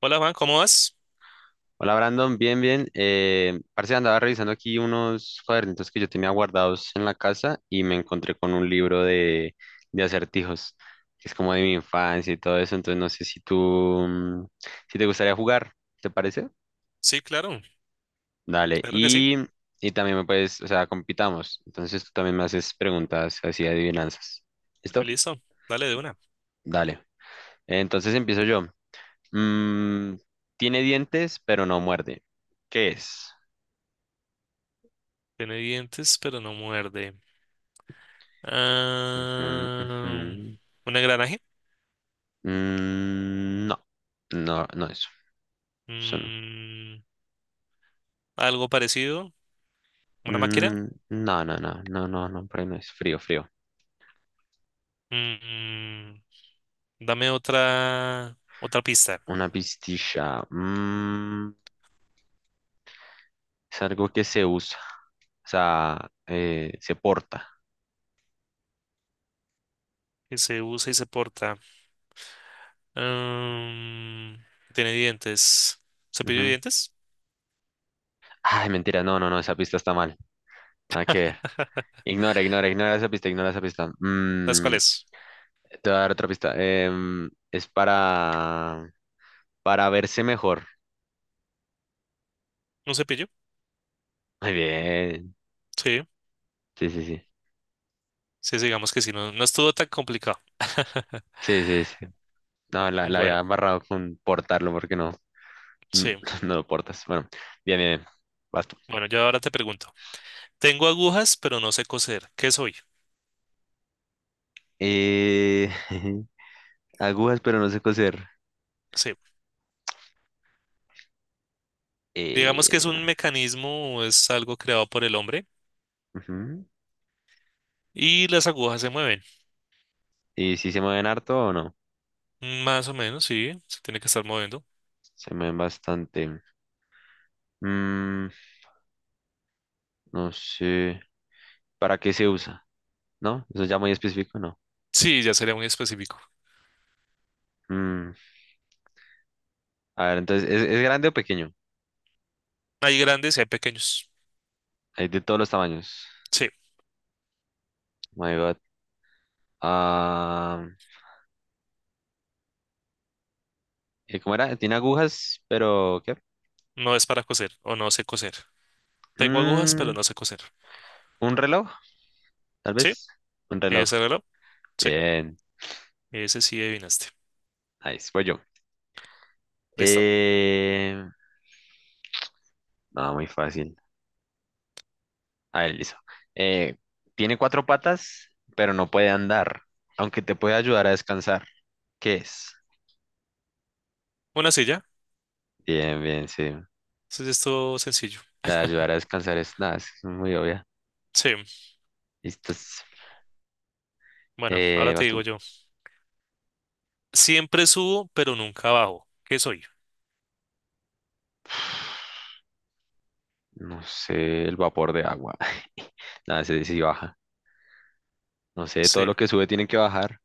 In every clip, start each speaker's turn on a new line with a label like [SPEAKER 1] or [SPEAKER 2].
[SPEAKER 1] Hola Juan, ¿cómo vas?
[SPEAKER 2] Hola Brandon, bien, bien. Parce, andaba revisando aquí unos cuadernitos que yo tenía guardados en la casa y me encontré con un libro de acertijos, que es como de mi infancia y todo eso. Entonces no sé si tú, si te gustaría jugar, ¿te parece?
[SPEAKER 1] Sí, claro,
[SPEAKER 2] Dale.
[SPEAKER 1] claro que sí.
[SPEAKER 2] Y también me puedes, o sea, compitamos. Entonces tú también me haces preguntas así de adivinanzas. ¿Listo?
[SPEAKER 1] Listo, dale de una.
[SPEAKER 2] Dale. Entonces empiezo yo. Mm, tiene dientes, pero no muerde. ¿Qué es?
[SPEAKER 1] Tiene dientes, pero no muerde.
[SPEAKER 2] Ujú, ujú.
[SPEAKER 1] Ah, ¿un engranaje?
[SPEAKER 2] Mm, no, no, no es. Eso no.
[SPEAKER 1] Mm, ¿Algo parecido? ¿Una máquina?
[SPEAKER 2] Mm, no, no, no, no, no, no, por ahí no es. Frío, frío.
[SPEAKER 1] Mm, dame otra pista.
[SPEAKER 2] Una pistilla. Es algo que se usa. O sea, se porta.
[SPEAKER 1] Que se usa y se porta. Ah, tiene dientes. ¿Cepillo de
[SPEAKER 2] Ujú.
[SPEAKER 1] dientes?
[SPEAKER 2] Ay, mentira, no, no, no, esa pista está mal. Nada que ver. Ignora, ignora, ignora esa pista, ignora esa pista.
[SPEAKER 1] ¿Las cuáles?
[SPEAKER 2] Te voy a dar otra pista. Es para verse mejor.
[SPEAKER 1] ¿Un cepillo?
[SPEAKER 2] Muy bien.
[SPEAKER 1] Sí,
[SPEAKER 2] Sí, sí, sí.
[SPEAKER 1] sí, sí, digamos que sí. No, no estuvo tan complicado.
[SPEAKER 2] Sí, sí, sí. No, la
[SPEAKER 1] Bueno,
[SPEAKER 2] había barrado con portarlo porque no, mm,
[SPEAKER 1] sí.
[SPEAKER 2] no lo portas. Bueno, bien, bien, bien. Vas tú.
[SPEAKER 1] Bueno, yo ahora te pregunto. Tengo agujas, pero no sé coser. ¿Qué soy?
[SPEAKER 2] Eh, agujas, pero no sé coser.
[SPEAKER 1] Sí. Digamos que
[SPEAKER 2] Eh,
[SPEAKER 1] es un mecanismo, es algo creado por el hombre
[SPEAKER 2] ujú.
[SPEAKER 1] y las agujas se mueven.
[SPEAKER 2] ¿Y si se mueven harto o no?
[SPEAKER 1] Más o menos, sí. Se tiene que estar moviendo.
[SPEAKER 2] Se mueven bastante. Mm, no sé. ¿Para qué se usa? ¿No? Eso ya muy específico, ¿no?
[SPEAKER 1] Sí, ya sería muy específico.
[SPEAKER 2] Mm, a ver, entonces, es grande o pequeño?
[SPEAKER 1] Hay grandes y hay pequeños.
[SPEAKER 2] Hay de todos los tamaños.
[SPEAKER 1] Sí.
[SPEAKER 2] Oh My God. Ah, ¿Y ¿cómo era? Tiene agujas, pero ¿qué?
[SPEAKER 1] No es para coser o no sé coser. Tengo agujas, pero
[SPEAKER 2] Mm,
[SPEAKER 1] no sé coser.
[SPEAKER 2] ¿Un reloj? Tal
[SPEAKER 1] Sí.
[SPEAKER 2] vez un reloj.
[SPEAKER 1] ¿Ese reloj? Sí.
[SPEAKER 2] Bien,
[SPEAKER 1] Ese sí adivinaste.
[SPEAKER 2] nice. Voy yo.
[SPEAKER 1] Listo.
[SPEAKER 2] Eh, no, muy fácil. A ver, listo. Eh, tiene cuatro patas, pero no puede andar, aunque te puede ayudar a descansar. ¿Qué es?
[SPEAKER 1] Una silla.
[SPEAKER 2] Bien, bien, sí.
[SPEAKER 1] Es esto sencillo.
[SPEAKER 2] La de ayudar a descansar es nada, es muy obvia.
[SPEAKER 1] Sí.
[SPEAKER 2] Listo.
[SPEAKER 1] Bueno, ahora te
[SPEAKER 2] Vas
[SPEAKER 1] digo
[SPEAKER 2] tú.
[SPEAKER 1] yo. Siempre subo, pero nunca bajo. ¿Qué soy?
[SPEAKER 2] No sé, el vapor de agua. Nada, se dice baja. No sé, todo
[SPEAKER 1] Sí.
[SPEAKER 2] lo que sube tiene que bajar,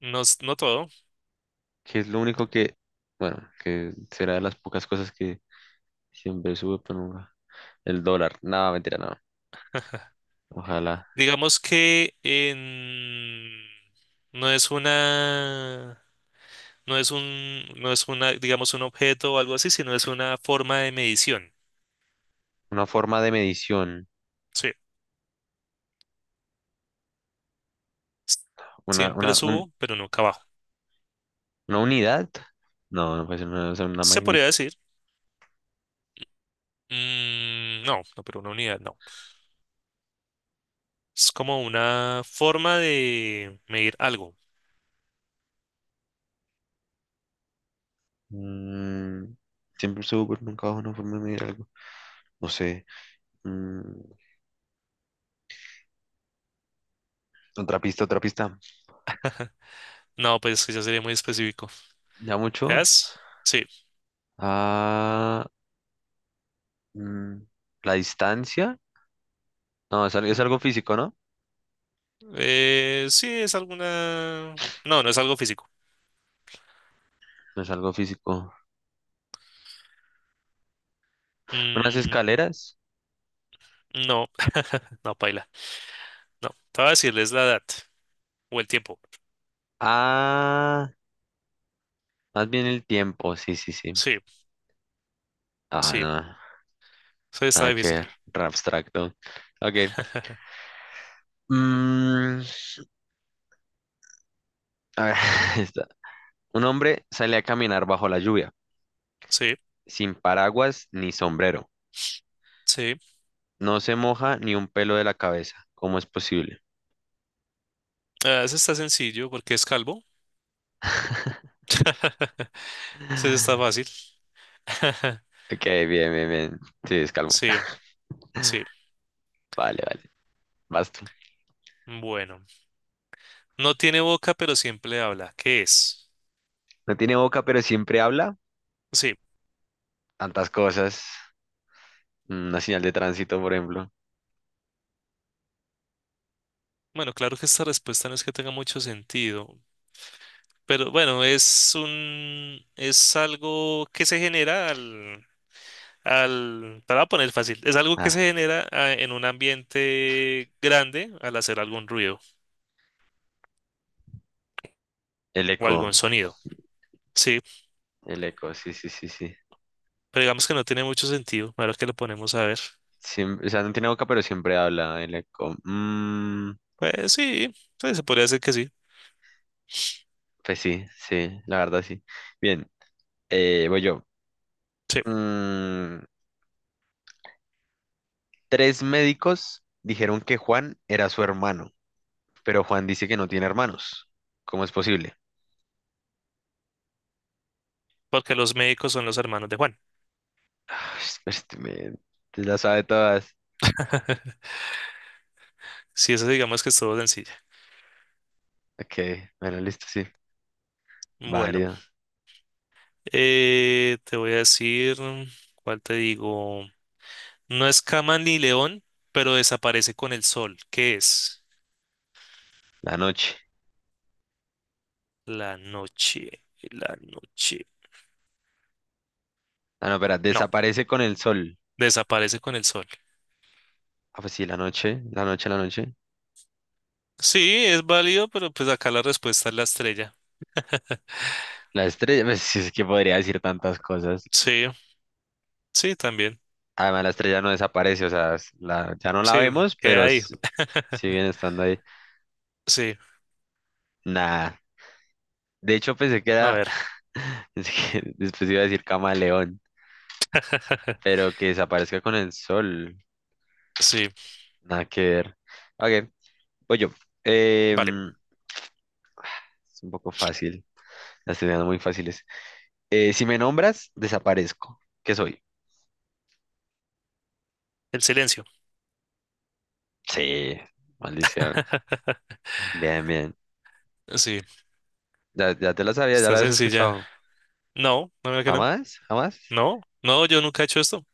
[SPEAKER 1] No todo.
[SPEAKER 2] que es lo único que, bueno, que será de las pocas cosas que siempre sube, pero nunca. El dólar. Nada, mentira, no. Ojalá.
[SPEAKER 1] Digamos que no es una, no es una, digamos, un objeto o algo así, sino es una forma de medición.
[SPEAKER 2] Una forma de medición.
[SPEAKER 1] Sí. S- Siempre
[SPEAKER 2] Una, un-
[SPEAKER 1] subo, pero nunca bajo.
[SPEAKER 2] una unidad. No, no puede ser una, o sea, una
[SPEAKER 1] Se
[SPEAKER 2] magnitud.
[SPEAKER 1] podría decir. Mm, no, no, pero una unidad no. Es como una forma de medir algo.
[SPEAKER 2] Mm, siempre sube, pero nunca baja una forma de medir algo. No sé. Mm, otra pista, otra pista.
[SPEAKER 1] No, pues es que ya sería muy específico.
[SPEAKER 2] Ya mucho.
[SPEAKER 1] ¿Es? Sí.
[SPEAKER 2] Ah, mm, la distancia. No, es, al- es algo
[SPEAKER 1] Mm,
[SPEAKER 2] físico, ¿no?
[SPEAKER 1] sí, es alguna. No, no es algo físico.
[SPEAKER 2] No es algo físico. Unas
[SPEAKER 1] Mm,
[SPEAKER 2] escaleras.
[SPEAKER 1] no, no, paila. No, te voy a decir, la edad o el tiempo.
[SPEAKER 2] Ah, más bien el tiempo. Sí, sí, sí.
[SPEAKER 1] Sí,
[SPEAKER 2] Ah,
[SPEAKER 1] sí,
[SPEAKER 2] no.
[SPEAKER 1] eso está
[SPEAKER 2] Nada que
[SPEAKER 1] difícil.
[SPEAKER 2] ver, re abstracto. Ok. Mm, a ver, esta. Un hombre sale a caminar bajo la lluvia,
[SPEAKER 1] Sí,
[SPEAKER 2] sin paraguas ni sombrero.
[SPEAKER 1] sí.
[SPEAKER 2] No se moja ni un pelo de la cabeza. ¿Cómo es posible?
[SPEAKER 1] Ah, ese está sencillo porque es calvo. Ese está fácil.
[SPEAKER 2] Ok, bien, bien, bien. Sí, es calmo.
[SPEAKER 1] Sí, sí.
[SPEAKER 2] Vale, vale. Vas tú.
[SPEAKER 1] Bueno, no tiene boca, pero siempre habla. ¿Qué es?
[SPEAKER 2] No tiene boca, pero siempre habla.
[SPEAKER 1] Sí,
[SPEAKER 2] Tantas cosas. Una señal de tránsito, por ejemplo.
[SPEAKER 1] bueno, claro que esta respuesta no es que tenga mucho sentido, pero bueno, es un, es algo que se genera te la voy a poner fácil. Es algo que se
[SPEAKER 2] Ah,
[SPEAKER 1] genera en un ambiente grande al hacer algún ruido
[SPEAKER 2] el
[SPEAKER 1] o algún
[SPEAKER 2] eco.
[SPEAKER 1] sonido. Sí,
[SPEAKER 2] El eco, sí, sí, sí, sí.
[SPEAKER 1] pero digamos que no tiene mucho sentido. Ahora que lo ponemos a ver.
[SPEAKER 2] Siem- o sea, no tiene boca, pero siempre habla. El eco.
[SPEAKER 1] Pues sí, pues se podría decir que sí.
[SPEAKER 2] Pues sí, sí, la verdad sí. Bien, voy yo.
[SPEAKER 1] Sí,
[SPEAKER 2] Mm, tres médicos dijeron que Juan era su hermano, pero Juan dice que no tiene hermanos. ¿Cómo es posible?
[SPEAKER 1] porque los médicos son los hermanos de Juan.
[SPEAKER 2] Ah, este men, te la sabe todas.
[SPEAKER 1] Sí, eso digamos que es todo sencillo.
[SPEAKER 2] Ok, bueno, listo, sí.
[SPEAKER 1] Bueno,
[SPEAKER 2] Válido.
[SPEAKER 1] te voy a decir, ¿cuál te digo? No es cama ni león, pero desaparece con el sol. ¿Qué es?
[SPEAKER 2] La noche.
[SPEAKER 1] La noche, la noche.
[SPEAKER 2] Ah, no, espera,
[SPEAKER 1] No.
[SPEAKER 2] desaparece con el sol.
[SPEAKER 1] Desaparece con el sol.
[SPEAKER 2] Ah, pues sí, la noche, la noche, la noche.
[SPEAKER 1] Sí, es válido, pero pues acá la respuesta es la estrella.
[SPEAKER 2] La estrella, pues sí, es que podría decir tantas cosas.
[SPEAKER 1] Sí, sí, también.
[SPEAKER 2] Además, la estrella no desaparece, o sea, es la- ya no la
[SPEAKER 1] Sí,
[SPEAKER 2] vemos,
[SPEAKER 1] queda
[SPEAKER 2] pero
[SPEAKER 1] ahí.
[SPEAKER 2] s- siguen estando ahí.
[SPEAKER 1] Sí,
[SPEAKER 2] Nah. De hecho, pensé que
[SPEAKER 1] a
[SPEAKER 2] era.
[SPEAKER 1] ver.
[SPEAKER 2] pensé que después iba a decir camaleón, pero que desaparezca con el sol.
[SPEAKER 1] Sí,
[SPEAKER 2] Nada que ver. Ok, voy yo.
[SPEAKER 1] vale.
[SPEAKER 2] Em, es un poco fácil. Las estoy dando muy fáciles. Si me nombras, desaparezco. ¿Qué soy?
[SPEAKER 1] El silencio.
[SPEAKER 2] Sí, maldición. Bien, bien.
[SPEAKER 1] Sí,
[SPEAKER 2] Ya, ya te la sabía, ya
[SPEAKER 1] está
[SPEAKER 2] la habías
[SPEAKER 1] sencilla.
[SPEAKER 2] escuchado.
[SPEAKER 1] No, no, mira que no.
[SPEAKER 2] ¿Jamás? ¿Jamás?
[SPEAKER 1] No, no, yo nunca he hecho esto.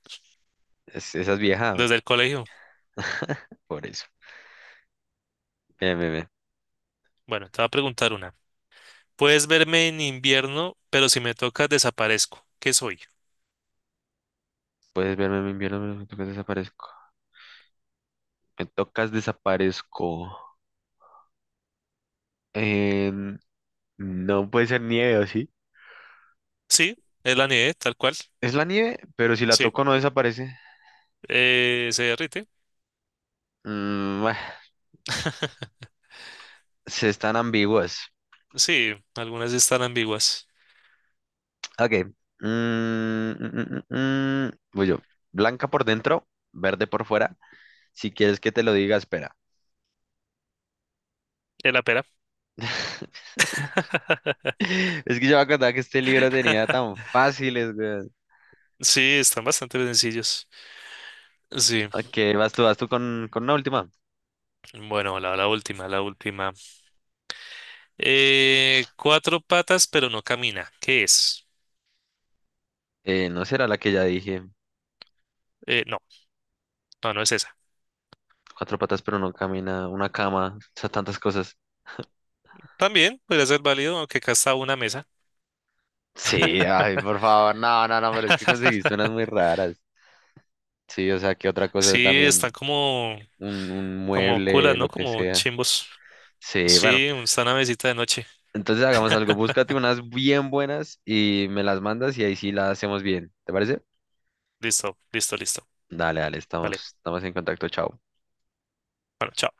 [SPEAKER 2] Es- esa es vieja,
[SPEAKER 1] Desde el colegio.
[SPEAKER 2] por eso. Bien, bien, bien.
[SPEAKER 1] Bueno, te voy a preguntar una. Puedes verme en invierno, pero si me tocas desaparezco. ¿Qué soy?
[SPEAKER 2] Puedes verme, me invierno, me tocas, desaparezco. Me tocas, desaparezco. Em, No puede ser nieve, ¿o sí?
[SPEAKER 1] Sí, es la nieve, tal cual.
[SPEAKER 2] Es la nieve, pero si la
[SPEAKER 1] Sí,
[SPEAKER 2] toco no desaparece.
[SPEAKER 1] se derrite.
[SPEAKER 2] Mm, bah, se están ambiguas.
[SPEAKER 1] Sí, algunas sí están ambiguas.
[SPEAKER 2] Ok. Mm, mm, mm, mm, mm. Voy yo. Blanca por dentro, verde por fuera. Si quieres que te lo diga, espera.
[SPEAKER 1] De la pera.
[SPEAKER 2] Es que yo me acordaba que este libro tenía tan fáciles, güey.
[SPEAKER 1] Sí, están bastante sencillos. Sí.
[SPEAKER 2] Ok, vas tú con una última.
[SPEAKER 1] Bueno, la última, la última. Cuatro patas, pero no camina. ¿Qué es?
[SPEAKER 2] No será la que ya dije.
[SPEAKER 1] No, no, no es esa.
[SPEAKER 2] Cuatro patas pero no camina, una cama, o sea, tantas cosas.
[SPEAKER 1] También podría ser válido, aunque acá está una mesa.
[SPEAKER 2] Sí, ay, por favor, no, no, no, pero es que conseguiste unas muy raras. Sí, o sea, que otra cosa
[SPEAKER 1] Sí, están
[SPEAKER 2] también,
[SPEAKER 1] como,
[SPEAKER 2] un
[SPEAKER 1] como culas,
[SPEAKER 2] mueble,
[SPEAKER 1] ¿no?
[SPEAKER 2] lo que
[SPEAKER 1] Como
[SPEAKER 2] sea.
[SPEAKER 1] chimbos.
[SPEAKER 2] Sí, bueno,
[SPEAKER 1] Sí, está una mesita de noche.
[SPEAKER 2] entonces hagamos algo, búscate unas bien buenas y me las mandas y ahí sí las hacemos bien, ¿te parece?
[SPEAKER 1] Listo, listo, listo.
[SPEAKER 2] Dale, dale,
[SPEAKER 1] Vale.
[SPEAKER 2] estamos, estamos en contacto, chao.
[SPEAKER 1] Bueno, chao.